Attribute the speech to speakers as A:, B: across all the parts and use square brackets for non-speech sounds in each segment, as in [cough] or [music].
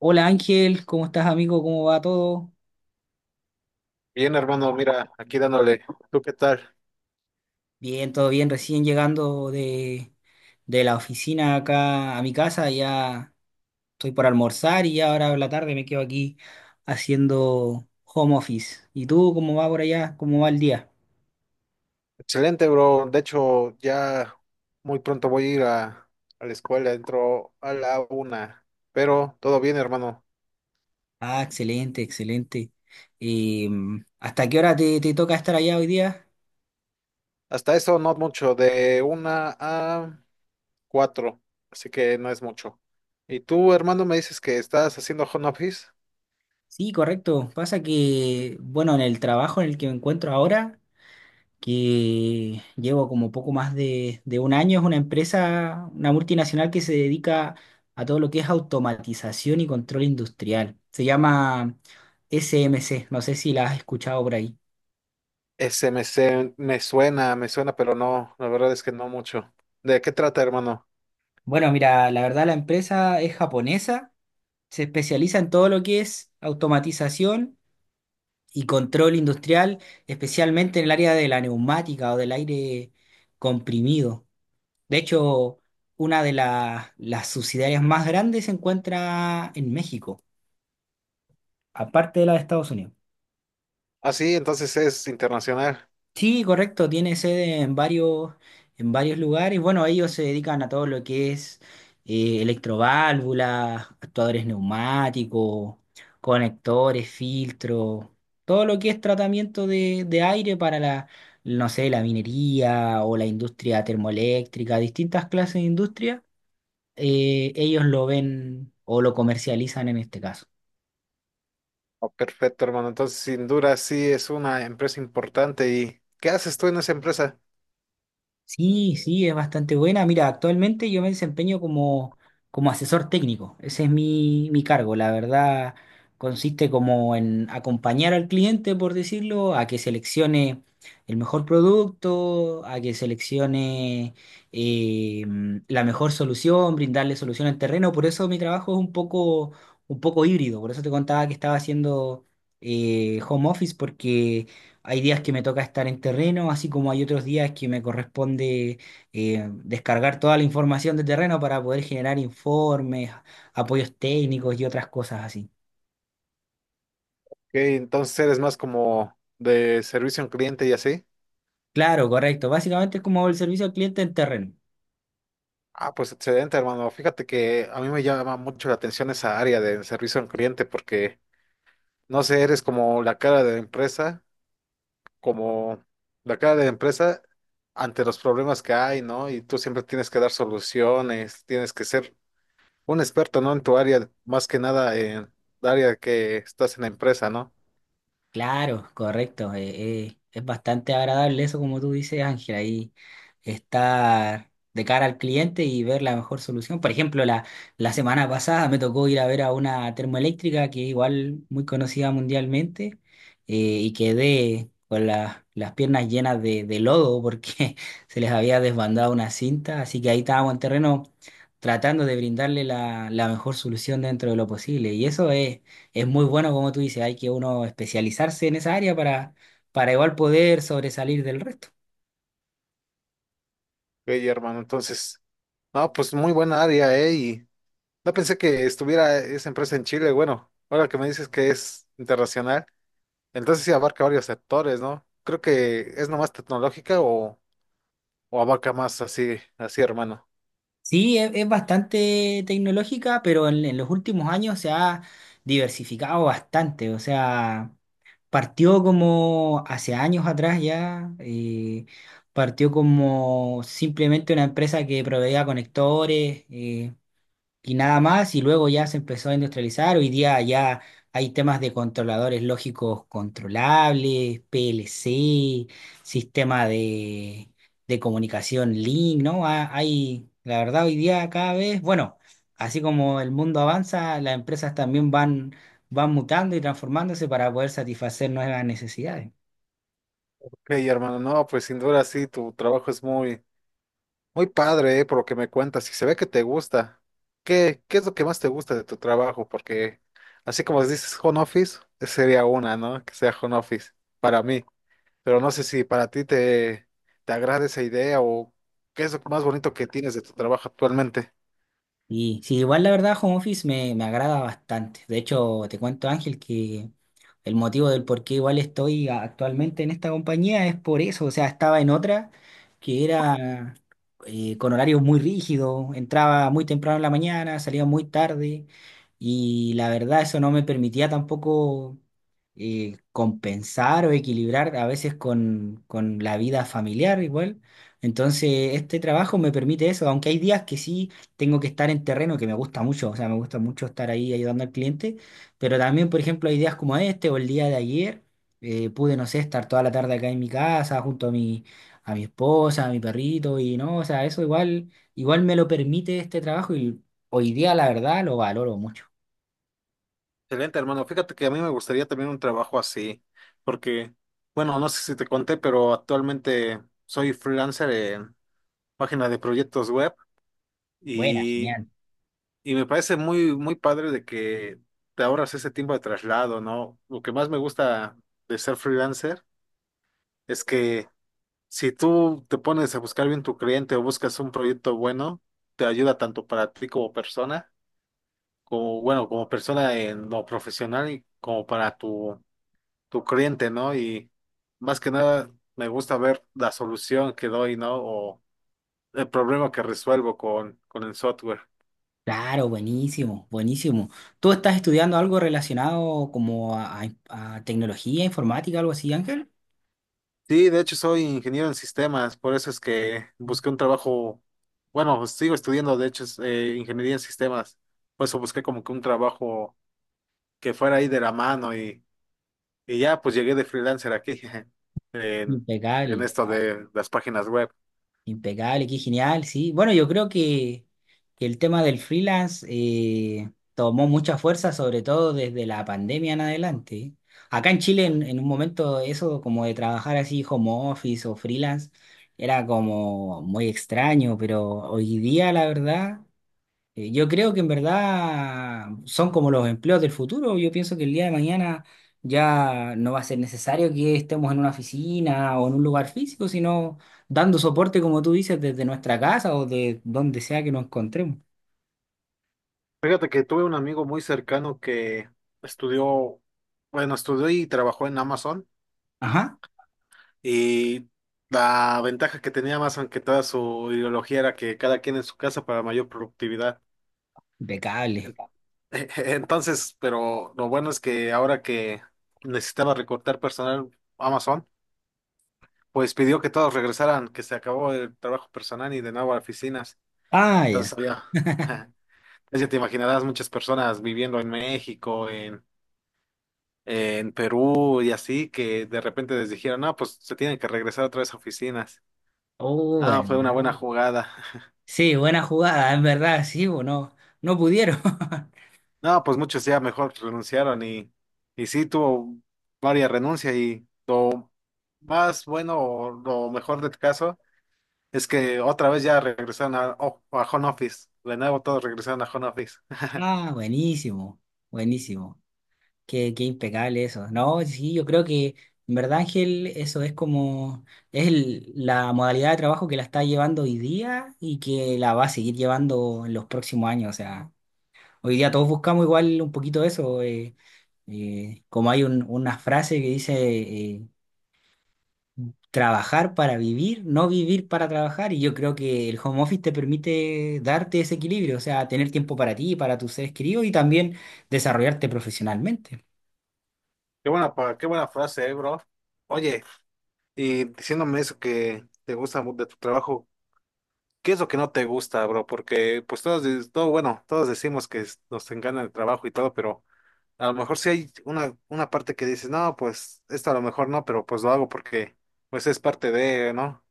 A: Hola Ángel, ¿cómo estás amigo? ¿Cómo va todo?
B: Bien, hermano, mira, aquí dándole. ¿Tú qué tal?
A: Bien, todo bien, recién llegando de la oficina acá a mi casa, ya estoy por almorzar y ya ahora en la tarde me quedo aquí haciendo home office. ¿Y tú cómo va por allá? ¿Cómo va el día?
B: Excelente, bro. De hecho, ya muy pronto voy a ir a la escuela, entro a la una. Pero todo bien, hermano.
A: Ah, excelente, excelente. Eh, ¿Hasta qué hora te toca estar allá hoy día?
B: Hasta eso no mucho, de una a cuatro. Así que no es mucho. ¿Y tú, hermano, me dices que estás haciendo home office?
A: Sí, correcto. Pasa que, bueno, en el trabajo en el que me encuentro ahora, que llevo como poco más de un año. Es una empresa, una multinacional que se dedica a todo lo que es automatización y control industrial. Se llama SMC, no sé si la has escuchado por ahí.
B: Me suena, me suena, pero no, la verdad es que no mucho. ¿De qué trata, hermano?
A: Bueno, mira, la verdad la empresa es japonesa, se especializa en todo lo que es automatización y control industrial, especialmente en el área de la neumática o del aire comprimido. De hecho, una las subsidiarias más grandes se encuentra en México, aparte de la de Estados Unidos.
B: Ah, sí, entonces es internacional.
A: Sí, correcto, tiene sede en en varios lugares. Bueno, ellos se dedican a todo lo que es electroválvulas, actuadores neumáticos, conectores, filtros, todo lo que es tratamiento de aire para no sé, la minería o la industria termoeléctrica, distintas clases de industria, ellos lo ven o lo comercializan en este caso.
B: Oh, perfecto, hermano. Entonces, sin duda, sí es una empresa importante. ¿Y qué haces tú en esa empresa?
A: Sí, sí, es bastante buena. Mira, actualmente yo me desempeño como asesor técnico. Ese es mi cargo. La verdad, consiste como en acompañar al cliente, por decirlo, a que seleccione el mejor producto, a que seleccione, eh, la mejor solución, brindarle solución al terreno. Por eso mi trabajo es un poco híbrido. Por eso te contaba que estaba haciendo home office, porque hay días que me toca estar en terreno, así como hay otros días que me corresponde descargar toda la información de terreno para poder generar informes, apoyos técnicos y otras cosas así.
B: Que entonces eres más como de servicio al cliente y así.
A: Claro, correcto. Básicamente es como el servicio al cliente en terreno.
B: Ah, pues excelente, hermano. Fíjate que a mí me llama mucho la atención esa área de servicio al cliente porque, no sé, eres como la cara de la empresa, como la cara de la empresa ante los problemas que hay, ¿no? Y tú siempre tienes que dar soluciones, tienes que ser un experto, ¿no? En tu área, más que nada en el área que estás en la empresa, ¿no?
A: Claro, correcto. Es bastante agradable eso, como tú dices, Ángel, ahí estar de cara al cliente y ver la mejor solución. Por ejemplo, la semana pasada me tocó ir a ver a una termoeléctrica que igual muy conocida mundialmente, y quedé con las piernas llenas de lodo porque [laughs] se les había desbandado una cinta, así que ahí estábamos en terreno tratando de brindarle la mejor solución dentro de lo posible. Y eso es muy bueno, como tú dices, hay que uno especializarse en esa área para igual poder sobresalir del resto.
B: Hey, hermano, entonces, no, pues muy buena área, ¿eh? Y no pensé que estuviera esa empresa en Chile. Bueno, ahora que me dices que es internacional, entonces sí abarca varios sectores, ¿no? Creo que es nomás tecnológica o abarca más así, así, hermano.
A: Sí, es bastante tecnológica, pero en los últimos años se ha diversificado bastante. O sea, partió como hace años atrás ya, partió como simplemente una empresa que proveía conectores. Y nada más, y luego ya se empezó a industrializar. Hoy día ya hay temas de controladores lógicos controlables, PLC, sistema de comunicación link, ¿no? Hay, la verdad, hoy día cada vez, bueno, así como el mundo avanza, las empresas también van, van mutando y transformándose para poder satisfacer nuevas necesidades.
B: Ok, hermano, no, pues sin duda sí, tu trabajo es muy padre, ¿eh? Por lo que me cuentas, y se ve que te gusta. ¿Qué es lo que más te gusta de tu trabajo? Porque así como dices home office, sería una, ¿no? Que sea home office para mí. Pero no sé si para ti te agrada esa idea o qué es lo más bonito que tienes de tu trabajo actualmente.
A: Y sí, igual la verdad, home office me agrada bastante. De hecho, te cuento, Ángel, que el motivo del por qué igual estoy actualmente en esta compañía es por eso. O sea, estaba en otra que era, con horarios muy rígidos, entraba muy temprano en la mañana, salía muy tarde y la verdad eso no me permitía tampoco, compensar o equilibrar a veces con la vida familiar igual. Entonces, este trabajo me permite eso, aunque hay días que sí tengo que estar en terreno, que me gusta mucho, o sea, me gusta mucho estar ahí ayudando al cliente, pero también, por ejemplo, hay días como este o el día de ayer, pude, no sé, estar toda la tarde acá en mi casa junto a mi esposa, a mi perrito, y no, o sea, eso igual, igual me lo permite este trabajo y hoy día la verdad lo valoro mucho.
B: Excelente, hermano. Fíjate que a mí me gustaría también un trabajo así, porque, bueno, no sé si te conté, pero actualmente soy freelancer en página de proyectos web
A: Buena,
B: y,
A: genial.
B: y me parece muy padre de que te ahorras ese tiempo de traslado, ¿no? Lo que más me gusta de ser freelancer es que, si tú te pones a buscar bien tu cliente o buscas un proyecto bueno, te ayuda tanto para ti como persona, como bueno, como persona en lo profesional y como para tu cliente, ¿no? Y más que nada me gusta ver la solución que doy, ¿no? O el problema que resuelvo con el software.
A: Claro, buenísimo, buenísimo. ¿Tú estás estudiando algo relacionado como a, a tecnología informática, algo así, Ángel?
B: Sí, de hecho soy ingeniero en sistemas, por eso es que busqué un trabajo, bueno, sigo estudiando, de hecho, ingeniería en sistemas, por eso busqué como que un trabajo que fuera ahí de la mano. Y ya, pues llegué de freelancer aquí, [laughs] en, en
A: Impecable.
B: esto de las páginas web.
A: Impecable, qué genial, sí. Bueno, yo creo que el tema del freelance, tomó mucha fuerza, sobre todo desde la pandemia en adelante. Acá en Chile, en un momento, eso como de trabajar así home office o freelance, era como muy extraño, pero hoy día, la verdad. Yo creo que en verdad son como los empleos del futuro. Yo pienso que el día de mañana ya no va a ser necesario que estemos en una oficina o en un lugar físico, sino dando soporte, como tú dices, desde nuestra casa o de donde sea que nos encontremos.
B: Fíjate que tuve un amigo muy cercano que estudió, bueno, estudió y trabajó en Amazon.
A: Ajá,
B: Y la ventaja que tenía Amazon, que toda su ideología era que cada quien en su casa para mayor productividad.
A: impecable.
B: En- [laughs] Entonces, pero lo bueno es que ahora que necesitaba recortar personal Amazon, pues pidió que todos regresaran, que se acabó el trabajo personal y de nuevo a oficinas.
A: Ah, ya.
B: Entonces había, [laughs] pues ya te imaginarás muchas personas viviendo en México, en Perú y así, que de repente les dijeron, no, pues se tienen que regresar otra vez a oficinas.
A: Oh,
B: Ah,
A: bueno.
B: fue una buena jugada. [laughs]
A: Sí, buena jugada, en verdad, sí, bueno, no pudieron. [laughs]
B: No, pues muchos ya mejor renunciaron y sí tuvo varias renuncias y lo más bueno o lo mejor del caso es que otra vez ya regresaron a, oh, a home office. De nuevo todos regresaron a home office.
A: Ah, buenísimo, buenísimo. Qué, qué impecable eso. No, sí, yo creo que en verdad, Ángel, eso es como, es la modalidad de trabajo que la está llevando hoy día y que la va a seguir llevando en los próximos años. O sea, hoy día todos buscamos igual un poquito eso. Como hay una frase que dice, eh, trabajar para vivir, no vivir para trabajar. Y yo creo que el home office te permite darte ese equilibrio, o sea, tener tiempo para ti, para tus seres queridos y también desarrollarte profesionalmente.
B: [laughs] Qué buena, qué buena frase, bro. Oye. Y diciéndome eso que te gusta de tu trabajo, ¿qué es lo que no te gusta, bro? Porque pues todo, bueno, todos decimos que nos encanta el trabajo y todo, pero a lo mejor sí hay una parte que dices, no, pues esto a lo mejor no, pero pues lo hago porque pues es parte de, ¿no?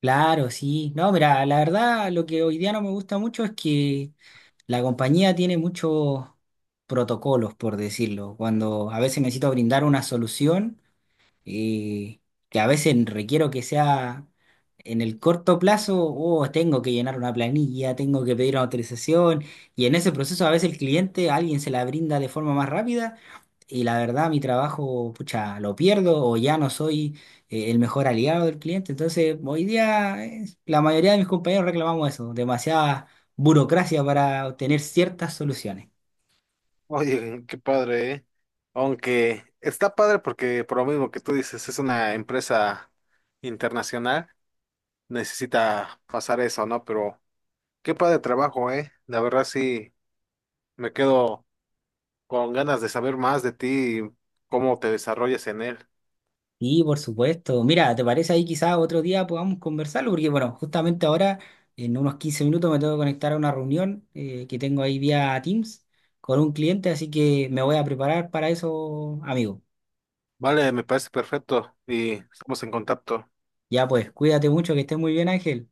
A: Claro, sí. No, mira, la verdad lo que hoy día no me gusta mucho es que la compañía tiene muchos protocolos, por decirlo. Cuando a veces necesito brindar una solución, eh, que a veces requiero que sea en el corto plazo, o tengo que llenar una planilla, tengo que pedir una autorización, y en ese proceso a veces el cliente, alguien se la brinda de forma más rápida. Y la verdad, mi trabajo, pucha, lo pierdo o ya no soy, el mejor aliado del cliente. Entonces, hoy día, la mayoría de mis compañeros reclamamos eso, demasiada burocracia para obtener ciertas soluciones.
B: Oye, qué padre, ¿eh? Aunque está padre porque por lo mismo que tú dices, es una empresa internacional, necesita pasar eso, ¿no? Pero qué padre trabajo, ¿eh? La verdad sí me quedo con ganas de saber más de ti y cómo te desarrollas en él.
A: Y por supuesto, mira, ¿te parece ahí quizás otro día podamos conversarlo? Porque bueno, justamente ahora, en unos 15 minutos, me tengo que conectar a una reunión, que tengo ahí vía Teams con un cliente, así que me voy a preparar para eso, amigo.
B: Vale, me parece perfecto y estamos en contacto.
A: Ya pues, cuídate mucho, que estés muy bien, Ángel.